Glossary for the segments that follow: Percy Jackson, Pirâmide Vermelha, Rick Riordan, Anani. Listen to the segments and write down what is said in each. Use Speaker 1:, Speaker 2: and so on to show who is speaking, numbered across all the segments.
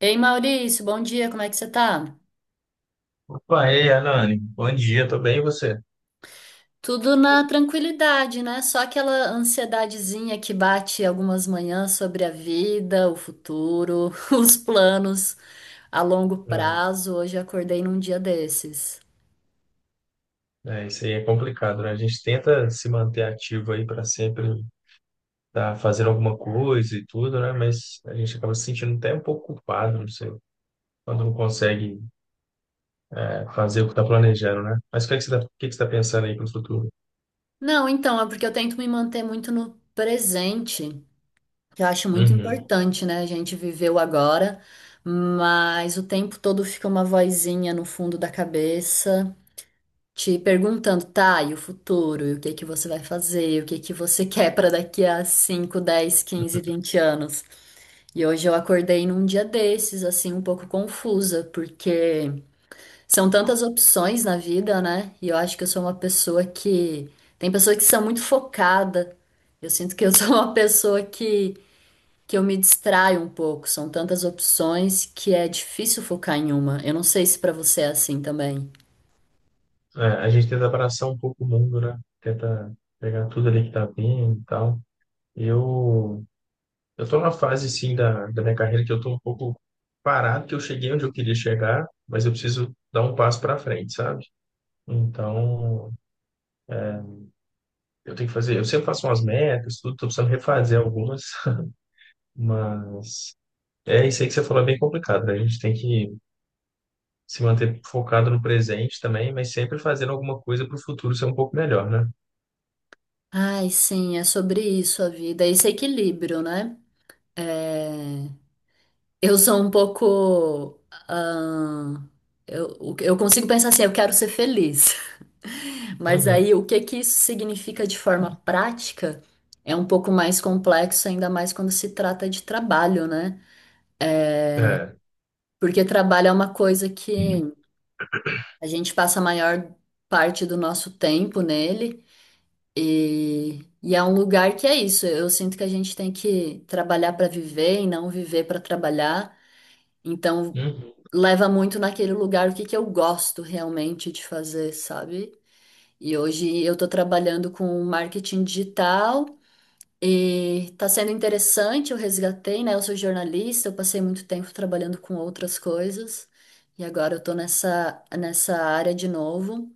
Speaker 1: Ei, Maurício, bom dia, como é que você tá?
Speaker 2: Pá, e aí, Anani, bom dia, tô bem, e você?
Speaker 1: Tudo na tranquilidade, né? Só aquela ansiedadezinha que bate algumas manhãs sobre a vida, o futuro, os planos a longo prazo. Hoje eu acordei num dia desses.
Speaker 2: Isso aí é complicado, né? A gente tenta se manter ativo aí para sempre estar fazendo alguma coisa e tudo, né? Mas a gente acaba se sentindo até um pouco culpado, não sei, quando não consegue fazer o que está planejando, né? Mas o que é que tá pensando aí para o futuro?
Speaker 1: Não, então, é porque eu tento me manter muito no presente, que eu acho muito
Speaker 2: Uhum.
Speaker 1: importante, né? A gente viver o agora, mas o tempo todo fica uma vozinha no fundo da cabeça, te perguntando, tá, e o futuro, e o que que você vai fazer, o que que você quer para daqui a 5, 10, 15, 20 anos. E hoje eu acordei num dia desses, assim, um pouco confusa, porque são tantas opções na vida, né? E eu acho que eu sou uma pessoa que tem pessoas que são muito focada. Eu sinto que eu sou uma pessoa que eu me distraio um pouco. São tantas opções que é difícil focar em uma. Eu não sei se para você é assim também.
Speaker 2: É, a gente tenta abraçar um pouco o mundo, né? Tenta pegar tudo ali que tá vindo e tal. Eu Eu tô na fase, sim, da minha carreira que eu tô um pouco parado, que eu cheguei onde eu queria chegar, mas eu preciso dar um passo para frente, sabe? Então, eu tenho que fazer, eu sempre faço umas metas, tudo, tô precisando refazer algumas, mas é isso aí que você falou, é bem complicado, né? A gente tem que se manter focado no presente também, mas sempre fazendo alguma coisa para o futuro ser um pouco melhor, né?
Speaker 1: Ai, sim, é sobre isso a vida, é esse equilíbrio, né? É, eu sou um pouco. Ah, eu consigo pensar assim, eu quero ser feliz. Mas
Speaker 2: Uhum.
Speaker 1: aí o que que isso significa de forma prática é um pouco mais complexo, ainda mais quando se trata de trabalho, né?
Speaker 2: É.
Speaker 1: Porque trabalho é uma coisa que a gente passa a maior parte do nosso tempo nele. E é um lugar que é isso. Eu sinto que a gente tem que trabalhar para viver e não viver para trabalhar. Então,
Speaker 2: Uhum.
Speaker 1: leva muito naquele lugar o que que eu gosto realmente de fazer, sabe? E hoje eu estou trabalhando com marketing digital e está sendo interessante. Eu resgatei, né? Eu sou jornalista, eu passei muito tempo trabalhando com outras coisas e agora eu estou nessa área de novo.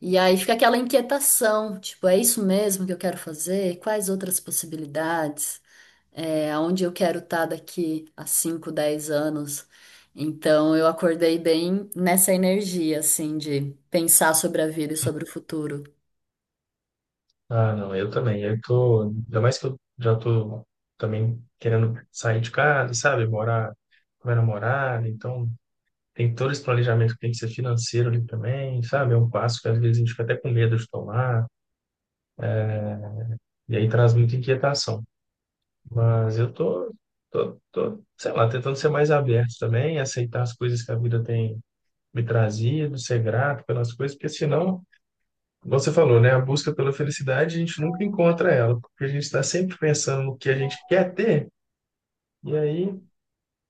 Speaker 1: E aí fica aquela inquietação, tipo, é isso mesmo que eu quero fazer? Quais outras possibilidades? É, aonde eu quero estar daqui a 5, 10 anos? Então eu acordei bem nessa energia, assim, de pensar sobre a vida e sobre o futuro.
Speaker 2: Ah, não, eu também. Eu tô, ainda mais que eu já tô também querendo sair de casa, sabe? Morar com minha namorada, então tem todo esse planejamento que tem que ser financeiro ali também, sabe? É um passo que às vezes a gente fica até com medo de tomar, e aí traz muita inquietação. Mas eu tô, sei lá, tentando ser mais aberto também, aceitar as coisas que a vida tem me trazido, ser grato pelas coisas, porque senão como você falou, né? A busca pela felicidade, a gente nunca encontra ela, porque a gente está sempre pensando no que a gente quer ter, e aí,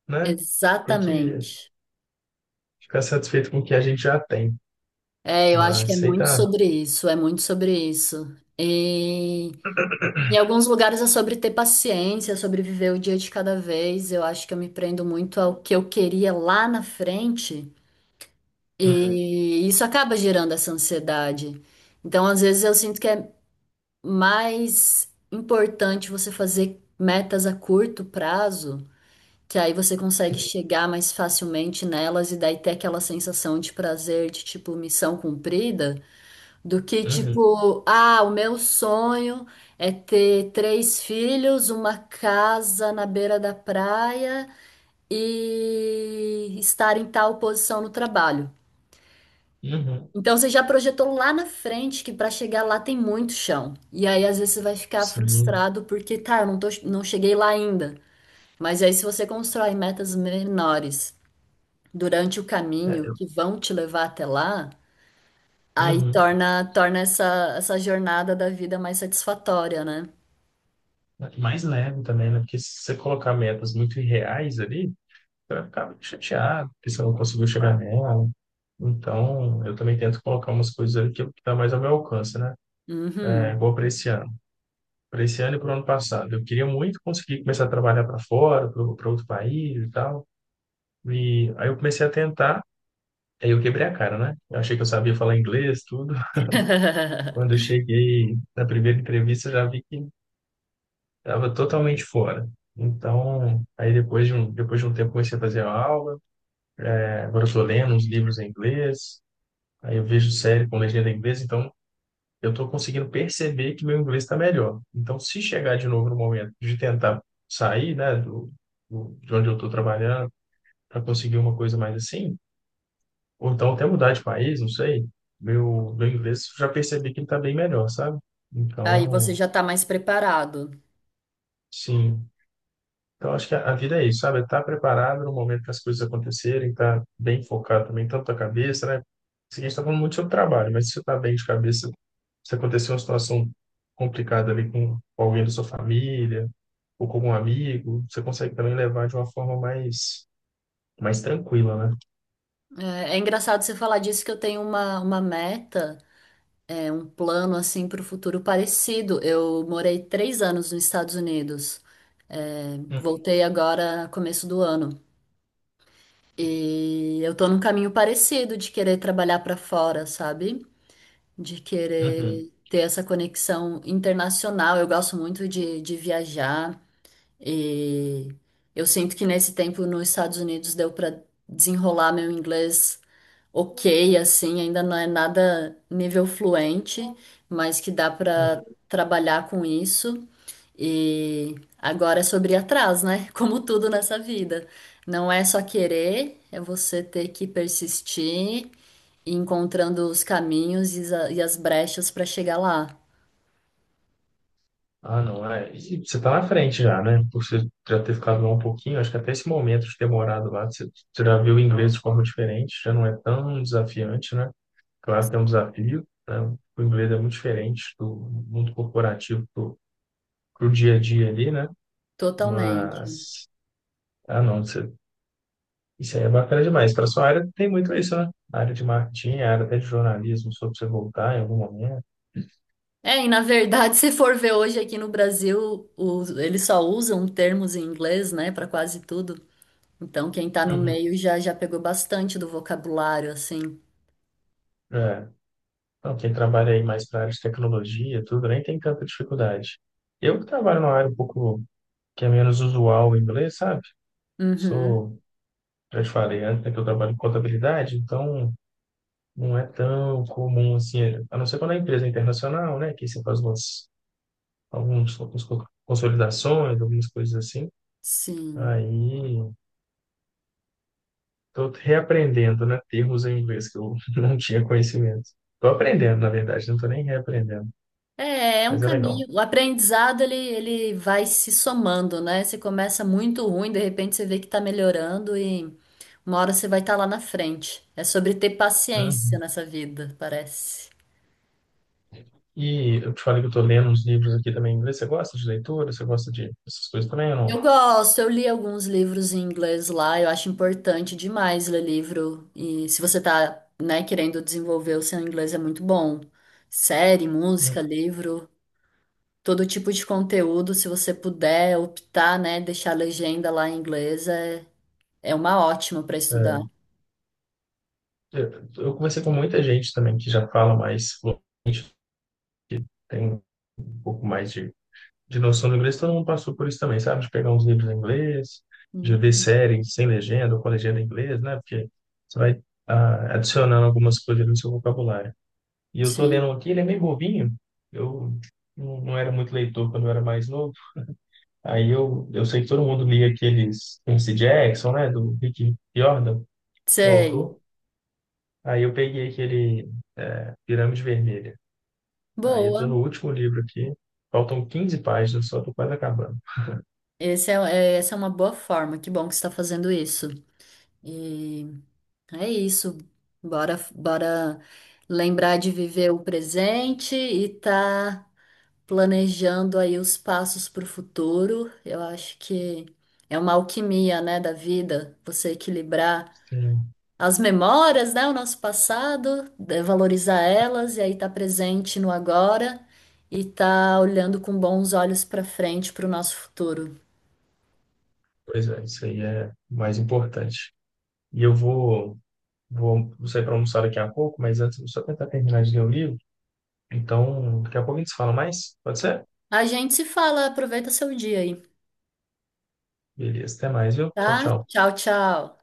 Speaker 2: né, tem que
Speaker 1: Exatamente.
Speaker 2: ficar satisfeito com o que a gente já tem.
Speaker 1: É, eu acho que
Speaker 2: Mas
Speaker 1: é muito
Speaker 2: aceitar.
Speaker 1: sobre isso, é muito sobre isso. E em alguns lugares é sobre ter paciência, sobre viver o dia de cada vez. Eu acho que eu me prendo muito ao que eu queria lá na frente,
Speaker 2: Uhum,
Speaker 1: e isso acaba gerando essa ansiedade. Então, às vezes, eu sinto que é mais importante você fazer metas a curto prazo, que aí você consegue
Speaker 2: sim.
Speaker 1: chegar mais facilmente nelas e daí ter aquela sensação de prazer, de tipo missão cumprida, do que
Speaker 2: Uhum,
Speaker 1: tipo, ah, o meu sonho é ter 3 filhos, uma casa na beira da praia e estar em tal posição no trabalho.
Speaker 2: uhum,
Speaker 1: Então você já projetou lá na frente que para chegar lá tem muito chão. E aí às vezes você vai ficar
Speaker 2: sim.
Speaker 1: frustrado porque tá, eu não tô, não cheguei lá ainda. Mas aí se você constrói metas menores durante o
Speaker 2: É,
Speaker 1: caminho
Speaker 2: eu-
Speaker 1: que vão te levar até lá, aí
Speaker 2: uhum.
Speaker 1: torna essa jornada da vida mais satisfatória, né?
Speaker 2: Mais leve também, né? Porque se você colocar metas muito irreais ali, você vai ficar muito chateado, porque você não conseguiu chegar nela. Então, eu também tento colocar umas coisas ali que tá mais ao meu alcance, né? É,
Speaker 1: Uhum.
Speaker 2: igual para esse ano. Para esse ano e para o ano passado, eu queria muito conseguir começar a trabalhar para fora, para outro país e tal. E aí eu comecei a tentar, aí eu quebrei a cara, né? Eu achei que eu sabia falar inglês, tudo. Quando eu cheguei na primeira entrevista, eu já vi que estava totalmente fora. Então, aí depois de um tempo comecei a fazer aula. É, agora eu estou lendo uns livros em inglês, aí eu vejo série com legenda em inglês, então eu estou conseguindo perceber que meu inglês está melhor. Então, se chegar de novo no momento de tentar sair, né, de onde eu estou trabalhando, para conseguir uma coisa mais assim, ou então até mudar de país, não sei, meu inglês já percebi que ele está bem melhor, sabe?
Speaker 1: Aí
Speaker 2: Então,
Speaker 1: você já tá mais preparado.
Speaker 2: sim. Então, acho que a vida é isso, sabe? Estar tá preparado no momento que as coisas acontecerem, estar tá bem focado também, tanto a cabeça, né? Assim, a gente está falando muito sobre trabalho, mas se você está bem de cabeça, se acontecer uma situação complicada ali com alguém da sua família, ou com algum amigo, você consegue também levar de uma forma mais, mais tranquila, né?
Speaker 1: É, é engraçado você falar disso que eu tenho uma meta. É um plano assim para o futuro parecido. Eu morei 3 anos nos Estados Unidos. É,
Speaker 2: Uhum,
Speaker 1: voltei agora começo do ano. E eu tô num caminho parecido de querer trabalhar para fora, sabe? De
Speaker 2: uhum,
Speaker 1: querer ter essa conexão internacional. Eu gosto muito de viajar. E eu sinto que nesse tempo nos Estados Unidos deu para desenrolar meu inglês ok, assim, ainda não é nada nível fluente, mas que dá para
Speaker 2: uhum.
Speaker 1: trabalhar com isso. E agora é sobre ir atrás, né? Como tudo nessa vida. Não é só querer, é você ter que persistir, e ir encontrando os caminhos e as brechas para chegar lá.
Speaker 2: Ah, não, é. E você está na frente já, né? Por você já ter ficado lá um pouquinho, acho que até esse momento de ter morado lá, você já viu o inglês de forma diferente, já não é tão desafiante, né? Claro que é um desafio, né? O inglês é muito diferente do mundo corporativo pro dia a dia ali, né?
Speaker 1: Totalmente.
Speaker 2: Mas, ah, não, você Isso aí é bacana demais. Para sua área tem muito isso, né? A área de marketing, a área até de jornalismo, sobre você voltar em algum momento.
Speaker 1: É, e na verdade, se for ver hoje aqui no Brasil, eles só usam termos em inglês, né, para quase tudo. Então, quem tá no
Speaker 2: Uhum.
Speaker 1: meio já já pegou bastante do vocabulário, assim.
Speaker 2: É. Então, quem trabalha aí mais para a área de tecnologia, tudo, nem tem tanta dificuldade. Eu que trabalho numa área um pouco que é menos usual em inglês, sabe?
Speaker 1: Uhum,
Speaker 2: Sou, já te falei antes, né, que eu trabalho em contabilidade, então não é tão comum assim, a não ser quando a empresa é internacional, né? Que você faz algumas consolidações, algumas coisas assim.
Speaker 1: sim.
Speaker 2: Aí estou reaprendendo, né? Termos em inglês que eu não tinha conhecimento. Estou aprendendo, na verdade, não estou nem reaprendendo,
Speaker 1: É, é um
Speaker 2: mas é
Speaker 1: caminho.
Speaker 2: legal.
Speaker 1: O aprendizado, ele vai se somando, né? Você começa muito ruim, de repente você vê que tá melhorando e uma hora você vai estar lá na frente. É sobre ter paciência
Speaker 2: Uhum.
Speaker 1: nessa vida, parece.
Speaker 2: E eu te falei que eu estou lendo uns livros aqui também em inglês. Você gosta de leitura? Você gosta de essas coisas também ou
Speaker 1: Eu
Speaker 2: não?
Speaker 1: gosto, eu li alguns livros em inglês lá, eu acho importante demais ler livro. E se você tá, né, querendo desenvolver o seu inglês é muito bom. Série,
Speaker 2: Hum.
Speaker 1: música, livro, todo tipo de conteúdo, se você puder optar, né, deixar a legenda lá em inglês é, é uma ótima para estudar.
Speaker 2: É, eu conversei com muita gente também que já fala mais fluente, que tem um pouco mais de noção do inglês. Todo mundo passou por isso também, sabe? De pegar uns livros em inglês, de ver
Speaker 1: Hum,
Speaker 2: séries sem legenda ou com legenda em inglês, né? Porque você vai adicionando algumas coisas no seu vocabulário. E eu tô lendo
Speaker 1: Sim,
Speaker 2: um aqui, ele é meio bobinho. Eu não era muito leitor quando eu era mais novo. Aí eu sei que todo mundo lia aqueles Percy Jackson, né? Do Rick Riordan, o
Speaker 1: sei.
Speaker 2: autor. Aí eu peguei aquele Pirâmide Vermelha. Aí eu tô
Speaker 1: Boa.
Speaker 2: no último livro aqui. Faltam 15 páginas, só tô quase acabando.
Speaker 1: Esse é, Essa é uma boa forma. Que bom que você está fazendo isso. E é isso. Bora, bora lembrar de viver o presente e tá planejando aí os passos para o futuro. Eu acho que é uma alquimia, né, da vida, você equilibrar
Speaker 2: Sim.
Speaker 1: as memórias, né, o nosso passado, valorizar elas e aí tá presente no agora e tá olhando com bons olhos para frente para o nosso futuro.
Speaker 2: Pois é, isso aí é o mais importante. E vou sair para almoçar daqui a pouco, mas antes eu vou só tentar terminar de ler o livro. Então, daqui a pouco a gente se fala mais. Pode ser?
Speaker 1: A gente se fala, aproveita seu dia aí,
Speaker 2: Beleza, até mais, viu? Tchau,
Speaker 1: tá?
Speaker 2: tchau.
Speaker 1: Tchau, tchau.